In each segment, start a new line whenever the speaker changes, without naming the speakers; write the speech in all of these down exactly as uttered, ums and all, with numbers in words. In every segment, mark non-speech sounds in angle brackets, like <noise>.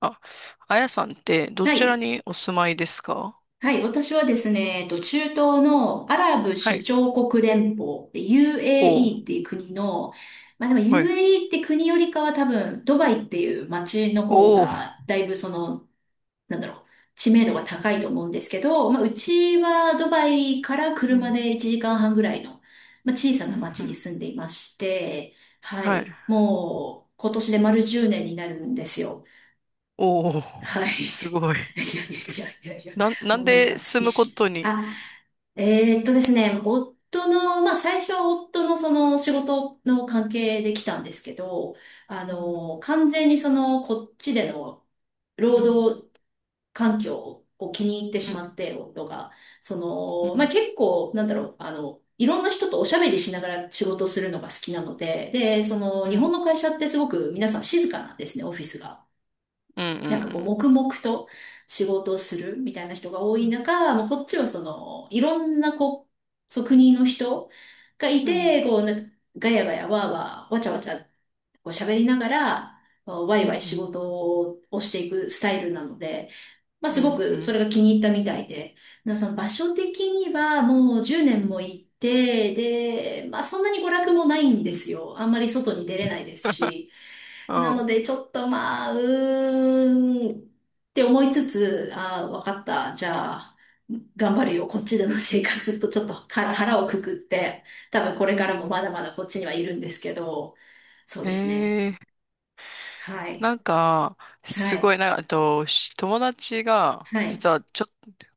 あ、あやさんってど
は
ちら
い。
にお住まいですか？
はい。私はですね、えっと、中東のアラブ
は
首
い。
長国連邦、
お、
ユーエーイー っていう国の、まあでも
はい。
ユーエーイー って国よりかは多分、ドバイっていう街の方
お。う
が、だいぶその、なんだろう、知名度が高いと思うんですけど、まあうちはドバイから
んう
車で
ん
いちじかんはんぐらいの、まあ小さ
う
な街に
ん。
住んでいまして、は
はい。
い。もう、今年で丸じゅうねんになるんですよ。
お、
はい。
すごい。
<laughs> いやいやいやいやいや、
なんな
も
ん
うなん
で
か
住
一
むこ
瞬、
とに。
あ、えーっとですね、夫の、まあ最初は夫のその仕事の関係で来たんですけど、あ
うん
の、完全にそのこっちでの
う
労
ん
働環境を気に入って
う
し
ん
まって、夫が。そ
う
の、まあ
ん
結構、なんだろう、あの、いろんな人とおしゃべりしながら仕事をするのが好きなので、で、その
う
日本
ん
の会社ってすごく皆さん静かなんですね、オフィスが。
うんう
なんかこう、
ん
黙々と仕事をするみたいな人が多
う
い
ん
中、もうこっちはその、いろんなこう、そう国の人がい
うんうん
て、こう、なんかガヤガヤワーワー、わちゃわちゃ、こう喋りながら、ワ
う
イ
ん
ワイ
う
仕
ん
事をしていくスタイルなので、まあ、
うん
す
う
ごくそ
ん
れが気に入ったみたいで、なその場所的にはもう10
う
年
ん、
も行って、で、まあ、そんなに娯楽もないんですよ。あんまり外に出れないですし。な
あ、
ので、ちょっとまあ、うーんって思いつつ、ああ、わかった。じゃあ、頑張るよ。こっちでの生活とちょっと腹腹をくくって、多分こ
う
れからも
ん、
まだまだこっちにはいるんですけど、そうですね。
へ。
はい。
なんか、
は
すご
い。
い、なんか、あと、し友達が、
はい。
実はちょ、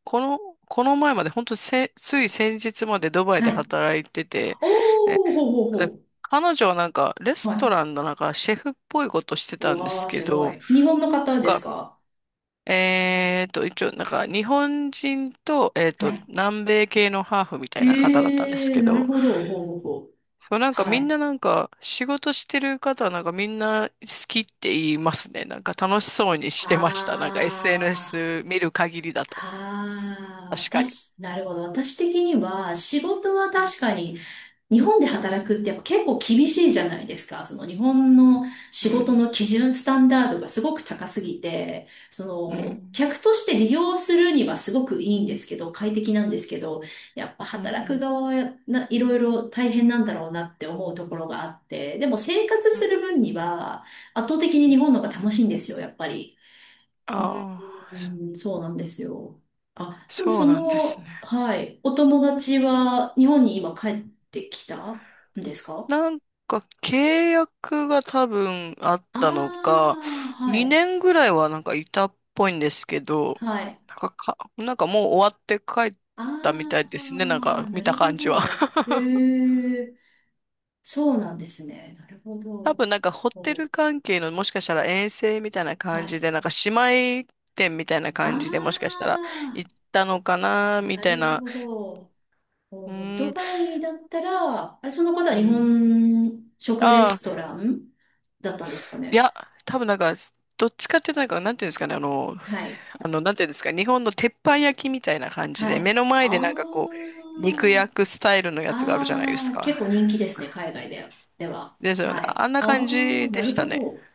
この、この前まで、本当せ、つい先日までドバイで
はい。
働いてて、で、
おー、ほうほう
で
ほ
彼女はなんか、レ
う。
ス
は
ト
い。
ランのなんか、シェフっぽいことしてたんで
わ
す
あ、
け
すご
ど、
い。日本の方で
なん
す
か、
か？
えーと、一応、なんか、日本人と、えー
は
と、
い。
南米系のハーフみたいな方だったんで
へ
す
え、
け
なる
ど、
ほど。ほうほうほう。
そう、なんか
は
みん
い。
ななんか仕事してる方はなんかみんな好きって言いますね。なんか楽しそうにしてました。なんか
あ
エスエヌエス 見る限りだ
あ、
と。
ああ、
確かに。
私、なるほど。私的には、仕事は
うん。
確かに日本で働くってやっぱ結構厳しいじゃないですか。その日本の
う
仕事
ん。
の基準、スタンダードがすごく高すぎて、そ
う
の
ん。
客として利用するにはすごくいいんですけど、快適なんですけど、やっぱ
う
働く
ん。
側はやないろいろ大変なんだろうなって思うところがあって、でも生活
う
す
ん、
る分には圧倒的に日本の方が楽しいんですよ、やっぱり。
ああー、そ
うん、そうなんですよ。あ、でも
そう
そ
なんです
の、
ね。
はい、お友達は日本に今帰ってきたんですか？
なんか契約が多分あっ
あ
たのか、
あー、はい、
にねんぐらいはなんかいたっぽいんですけど、
はい。
なんか、か、なんかもう終わって帰ったみた
あ
いですね。なん
あ、
か
な
見た
るほ
感じは。
ど。へえ、そうなんですね。なるほ
多
ど。
分なんかホテ
お、
ル関係のもしかしたら遠征みたいな
は
感じ
い。
で、なんか姉妹店みたいな
あ
感じでもしかしたら行ったのかな、
あ、
み
な
たい
る
な。
ほど。
う
お、
ー
ド
ん、
バイだったら、あれ、その方は
う
日
ん。
本食レ
あ
ス
あ、
トランだったんですか
い
ね。
や、多分なんか、どっちかっていうとなんか、なんていうんですかね、あの、
はい。
あの、なんていうんですか、日本の鉄板焼きみたいな感じで、
は
目
い。
の前で
あ
なんかこう、肉焼
あ、
くスタイルのやつがあるじゃないで
あ
す
あ、結
か。
構人気ですね、海外では。では。
ですよね。
はい。
あんな
あ
感じ
あ、な
でし
る
た
ほ
ね。
ど。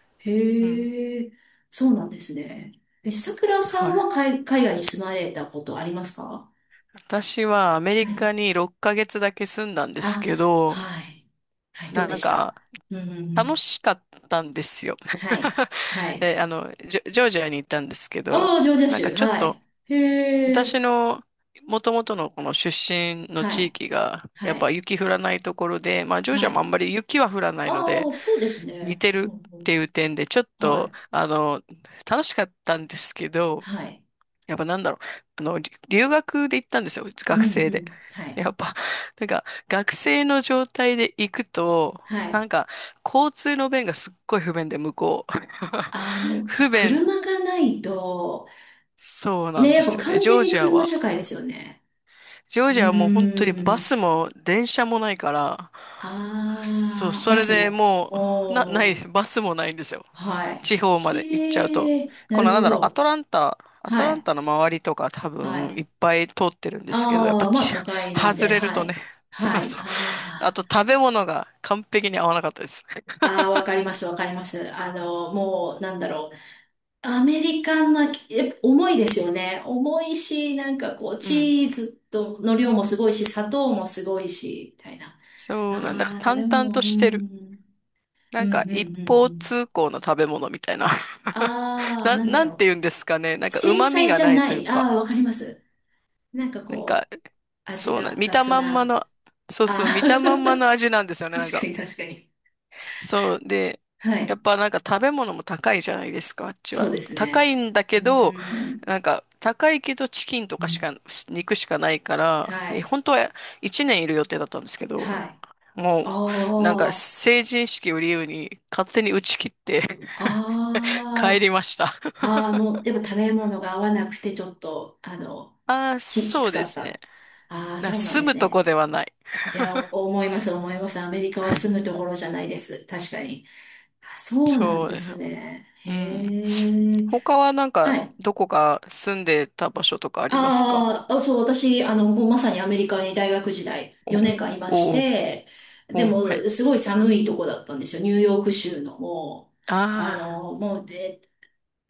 うん。
へえ、そうなんですね。え、さくらさ
は
んは
い。
海、海外に住まれたことありますか？
私はアメ
は
リ
い。
カにろっかげつだけ住んだんです
あ、
けど、
はい。はい、どう
な
で
ん
し
か、
た？うんうんう
楽
ん。
しかったんですよ。
はい。
<laughs>
はい。
で、あの、ジョ、ジョージアに行ったんですけど、
ああ、ジョージア
なんか
州。
ちょっ
は
と、
い。へ
私
え、
の元々のこの出身の
は
地
い。
域が、や
は
っぱ
い。
雪降らないところで、まあ、ジョージア
は
もあ
い。
んまり雪は降らないの
あ
で、
あ、そうです
似
ね。
て
う
る
んう
ってい
ん、
う点で、ちょっ
は
と、
い。
あの、楽しかったんですけど、
はい。
やっぱなんだろう。あの、り留学で行ったんですよ。
うん
学
う
生で。
ん。は
<laughs> で
い。
やっぱ、なんか、学生の状態で行くと、
は
な
い。
んか、交通の便がすっごい不便で、向こう。
あの、
<laughs>
そう、
不便、
車がないと、
そうな
ね、
ん
や
で
っぱ
すよね。
完
ジ
全
ョー
に
ジア
車
は。
社会ですよね。
ジョー
う
ジアはもう本当に
ー
バ
ん。
スも電車もないから、そう、
ああ、
そ
バ
れ
ス
で
も。
もう、な、ないで
おー、
す。バスもないんですよ。
は
地方ま
い。
で行っちゃうと、
へえ、な
この
る
な
ほ
んだろう、ア
ど。
トランタ、アト
は
ラン
い、
タの周りとか多
は
分
い。
いっぱい通ってるんですけど、やっぱ
ああ、まあ
ち、
都会なん
外
で、
れる
は
と
い。
ね、<laughs> そう
はい。
そう。あ
あ
と食べ物が完璧に合わなかったです。
あ、ああ、わかります、わかります。あの、もう、なんだろう。アメリカンな、え、重いですよね。重いし、なんかこう、
うん。
チーズとの量もすごいし、砂糖もすごいし、みたいな。
そうなんだ、なんか
ああ、食べ
淡々
物、
と
う
してる。
ん。
な
うん、う
んか
ん、うん、
一方
うん。
通行の食べ物みたいな。<laughs>
ああ、
な、
なんだ
なんて
ろ
言うんですかね。なん
う。
か
繊
旨味
細
が
じゃ
ない
な
という
い。
か、
ああ、わかります。なんか
なん
こ
か、
う、味
そうな、
が
見た
雑
まんま
な。
の、そう
あ
そう、
あ、
見たまんまの味なんですよ
<laughs>
ね、なん
確か
か。
に確かに。
そう。で、
は
や
い。
っぱなんか食べ物も高いじゃないですか、あっち
そう
は。
です
高
ね。
いんだ
う
けど、
ーん。
なんか高いけどチキンと
う
かし
ん。
か、肉しかないから、
は
え、
い。
本当はいちねんいる予定だったんですけ
は
ど、
い。あ
もうなんか
あ、
成人式を理由に勝手に打ち切って <laughs> 帰り
あ
ました。
あ。ああ、もう、やっぱ食べ物が合わなくて、ちょっと、あの、
ああ、
き、き
そ
つ
うで
かっ
すね。
た。ああ、
な
そうなん
住
で
む
す
とこ
ね。
ではない。
いや、お思います、思います。アメリカは住むところじゃないです。確かに。あ、そうなん
そう
で
です。
すね。
うん。
へえ。
他はなん
は
か
い。
どこか住んでた場所とかありますか？
あーあ、そう、私、あの、もうまさにアメリカに大学時代、よねんかんいまし
お、お、
て、で
お、
も、
はい。
すごい寒いとこだったんですよ。ニューヨーク州の、もう、あ
ああ、
の、もう、え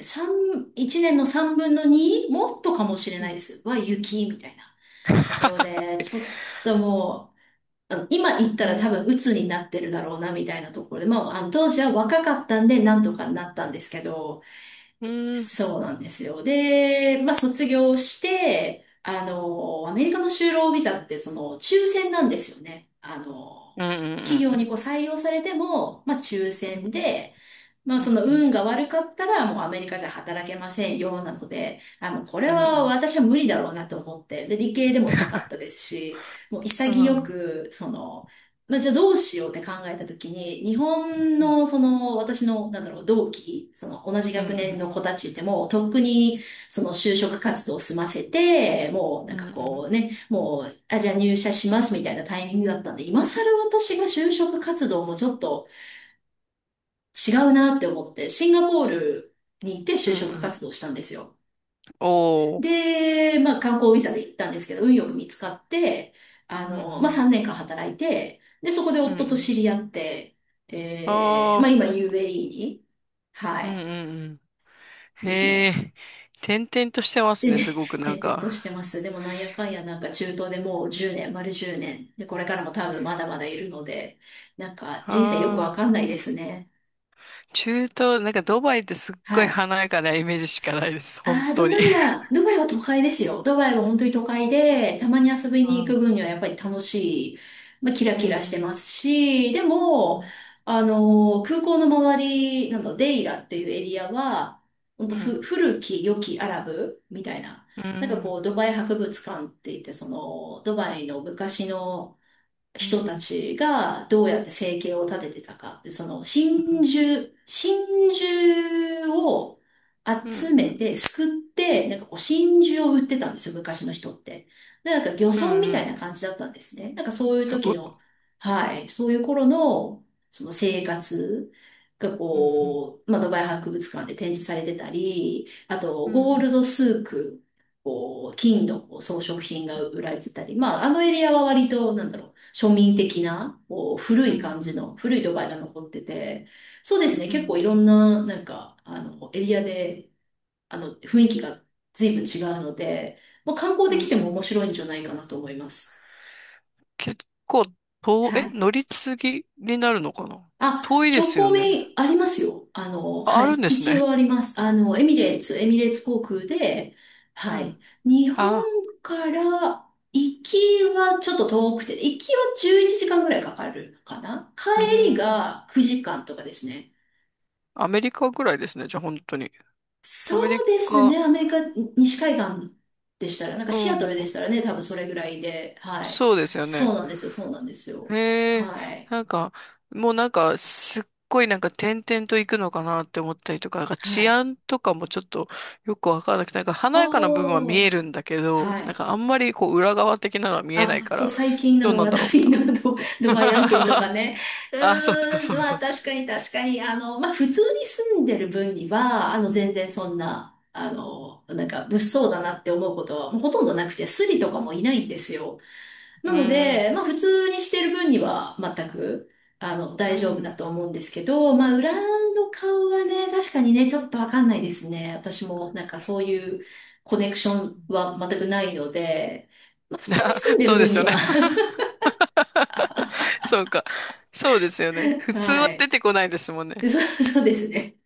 三一年の三分の二、もっとかもしれ
う
ない
ん。
です。は雪みたいなところで、ちょっともう、あの今行った
え
ら多
ー
分鬱になってるだろうなみたいなところで、まあ、あの当時は若かったんでなんとかなったんですけど、
うん、
そうなんですよ。で、まあ卒業して、あの、アメリカの就労ビザってその抽選なんですよね。あの、
うん、う
企
ん、う
業に
ん、
こう採用されても、まあ抽
う
選
ん、
で、まあ
う
そ
ん、
の
うん、
運が悪かったらもうアメリカじゃ働けませんよなので、あの、これ
うん、う
は
ん、
私は無理だろうなと思って、で、理系でもなかったですし、もう
う
潔
ん、
く、その、まあじゃあどうしようって考えた時に、日本のその私の、なんだろう、同期、その同じ
うん、う
学年
ん、
の子たちってもうとっくにその就職活動を済ませて、もうなん
う
かこ
ん、
うね、もう、あ、じゃあ入社しますみたいなタイミングだったんで、今更私が就職活動もちょっと、違うなって思って、シンガポールに行って
う
就
ん、う
職
ん、
活動したんですよ。
おー、
で、まあ観光ビザで行ったんですけど、運よく見つかって、あ
うん、う
の、まあ
ん、
さんねんかん働いて、で、そこで
う
夫と
ん、
知り合って、え
あ
ー、まあ
あ、
今 ユーエーイー に、は
うん、う
い、
ん、うん、
です
へ
ね。
え、転々としてます
で
ね、
ね、
すごくなん
転々と
か。
してます。でもなんやかんやなんか中東でもうじゅうねん、丸じゅうねん。で、これからも多分まだまだいるので、なんか人生よくわ
あ
か
あ、
んないですね。
中東、なんかドバイってすっご
は
い
い。
華やかなイメージしかないです、本
ああ、
当
ド
に。
バイは、ドバイは都会ですよ。ドバイは本当に都会で、たまに遊び
う
に行
ん、
く分にはやっぱり楽しい、まあ、キラキ
う
ラしてま
ん、
すし、で
う
も、
ん、
あの空港の周りなの、デイラっていうエリアは、本
う
当
ん、
ふ、古き良きアラブみたいな、
う
なんか
ん、
こう、ドバイ博物館って言って、その、ドバイの昔の、
うん、うん、う
人た
ん、
ちがどうやって生計を立ててたか。でその真
う
珠、真珠を集め
ん、
て、すくって、なんかこう真珠を売ってたんですよ、昔の人って。で、なんか漁
うん、う
村みたい
ん、
な感じだったんですね。なんかそういう
たう、
時の、はい、そういう頃の、その生活が
うん、うん、
こう、まあ、ドバイ博物館で展示されてたり、あと、
う
ゴー
ん、
ルドスーク、こう、金のこう装飾品が売られてたり、まあ、あのエリアは割と、なんだろう庶民的な、こう、古
う
い
ん、
感
う
じ
ん、
の、古いドバイが残ってて、そうですね、
う
結
ん、
構いろんな、なんか、あの、エリアで、あの、雰囲気が随分違うので、まあ、観光
う
で
ん、う
来ても
ん。
面白いんじゃないかなと思います。
結構遠、
は
え、
い。
乗り継ぎになるのかな？
あ、
遠いで
直
すよ
行
ね。
便ありますよ。あの、
あ、
は
あるん
い。
です
一
ね。
応あります。あの、エミレーツ、エミレーツ航空で、
う
はい。
ん。
日本
あ、
から行きはちょっと遠くて、行きはじゅういちじかんぐらいかかるかな。
う
帰り
ん。
がくじかんとかですね。
アメリカぐらいですね。じゃあ本当に。
そ
アメリ
うです
カ、
ね。アメリカ西海岸でしたら、なんか
う
シアトルでし
ん。
たらね、多分それぐらいで、はい。
そうですよ
そう
ね。
なんですよ。そうなんです
へ
よ。
え、
はい。
なんか、もうなんか、すっごいなんか点々と行くのかなって思ったりとか、なんか
は
治
い。
安とかもちょっとよくわからなくて、なんか華
あ
やかな部分は見
あ、
えるんだけど、
は
なん
い。
かあんまりこう裏側的なのは見えない
あ、
か
そう、
ら、
最近な
どう
の
なん
話
だろうみ
題
たい
のド、<laughs> ドバイ案件とか
な。
ね。う
<laughs> あ、そうそう
ー
そ
ん、
うそ
まあ
う。
確かに確かに、あの、まあ普通に住んでる分には、あの全然そんな、あの、なんか物騒だなって思うことはもうほとんどなくて、スリとかもいないんですよ。
う
なの
ーん、
で、まあ普通にしてる分には全く、あの、
う
大丈夫だ
ん。
と思うんですけど、まあ裏の顔はね、確かにね、ちょっとわかんないですね。私もなんかそういうコネクションは全くないので、まあ、普
<laughs>
通に
あ、
住んでる
そうで
分
す
に
よ
は
ね。
<laughs>
<laughs> そうか。そうですよね。普通は
は
出
い。
てこないですもんね。
そう、そうですね。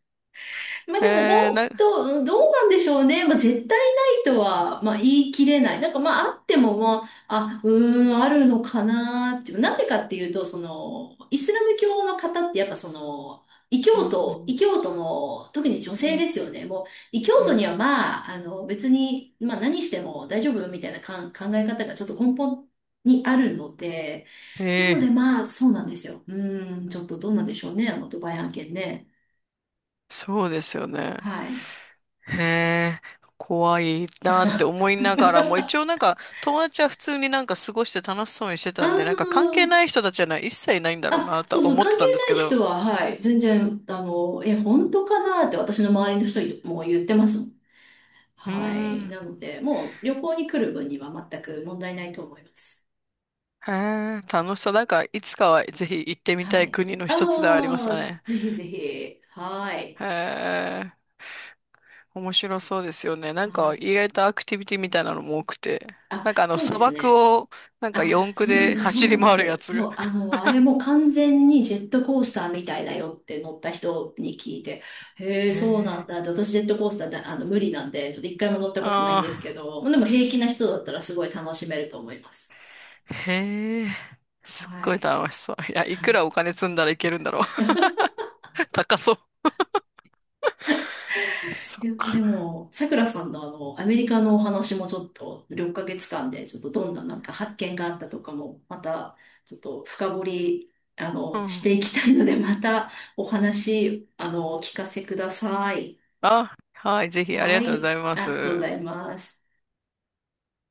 まあ
へ
でも
え、な、
本当、うんどうなんでしょうね。まあ絶対ないとは、まあ言い切れない。なんかまああっても、まあ、あ、うーん、あるのかなっていう。なんでかっていうと、その、イスラム教の方ってやっぱその、異
う
教
ん、う
徒、
ん、
異教徒の、特に女
う
性で
ん、
すよね。もう、異教
う
徒
ん。
にはまあ、あの、別に、まあ何しても大丈夫みたいなかん考え方がちょっと根本にあるので、
へ
なの
え、
でまあ、そうなんですよ。うーん、ちょっとどうなんでしょうね、あの、ドバイ案件ね。
そうですよね。
はい。
へえ、怖いなって思いながら
<laughs>
も、一応なんか友達は普通になんか過ごして楽しそうにして
あ
たんで、なんか関係
ー
ない人たちはな一切ないんだろう
あ、
なと
そう
は
そう、
思っ
関
て
係
たんです
ない
けど。
人は、はい、全然、あの、え、本当かなって私の周りの人も言ってますもん。
うー
はい。
ん、
なので、もう旅行に来る分には全く問題ないと思います。
へえ、楽しそう。なんかいつかはぜひ行ってみた
は
い
い。
国の一つではありまし
あ
た
あ、
ね。
ぜひぜひ。はい。
へえ、面白そうですよね。な
は
んか
い。
意外とアクティビティみたいなのも多くて。
あ、
なんかあの
そうで
砂
す
漠
ね。
をなんか
あ、
四駆
そうなん
で
です、そう
走
な
り
んで
回るや
す。
つ。
そう、あの、あれも完全にジェットコースターみたいだよって乗った人に聞いて、へえ、
へ
そうなん
え、
だって。私ジェットコースターで、あの、無理なんで、ちょっと一回も乗ったことない
あ
んですけ
あ。
ど、でも平気な人だったらすごい楽しめると思います。
へえ、すっ
は
ごい
い。
楽しそう。いや、いくら
<laughs>
お金積んだらいけるんだろう。<laughs> 高そう。そっ
で、で
か。
も、さくらさんのあの、アメリカのお話もちょっと、ろっかげつかんで、ちょっとどんななんか発見があったとかも、また、ちょっと深掘り、あ
う
の、し
ん。
ていきたいので、<laughs> またお話、あの、お聞かせください。
あ、はい、ぜひあり
は
がとうござ
い、
いま
ありがとうござ
す。
います。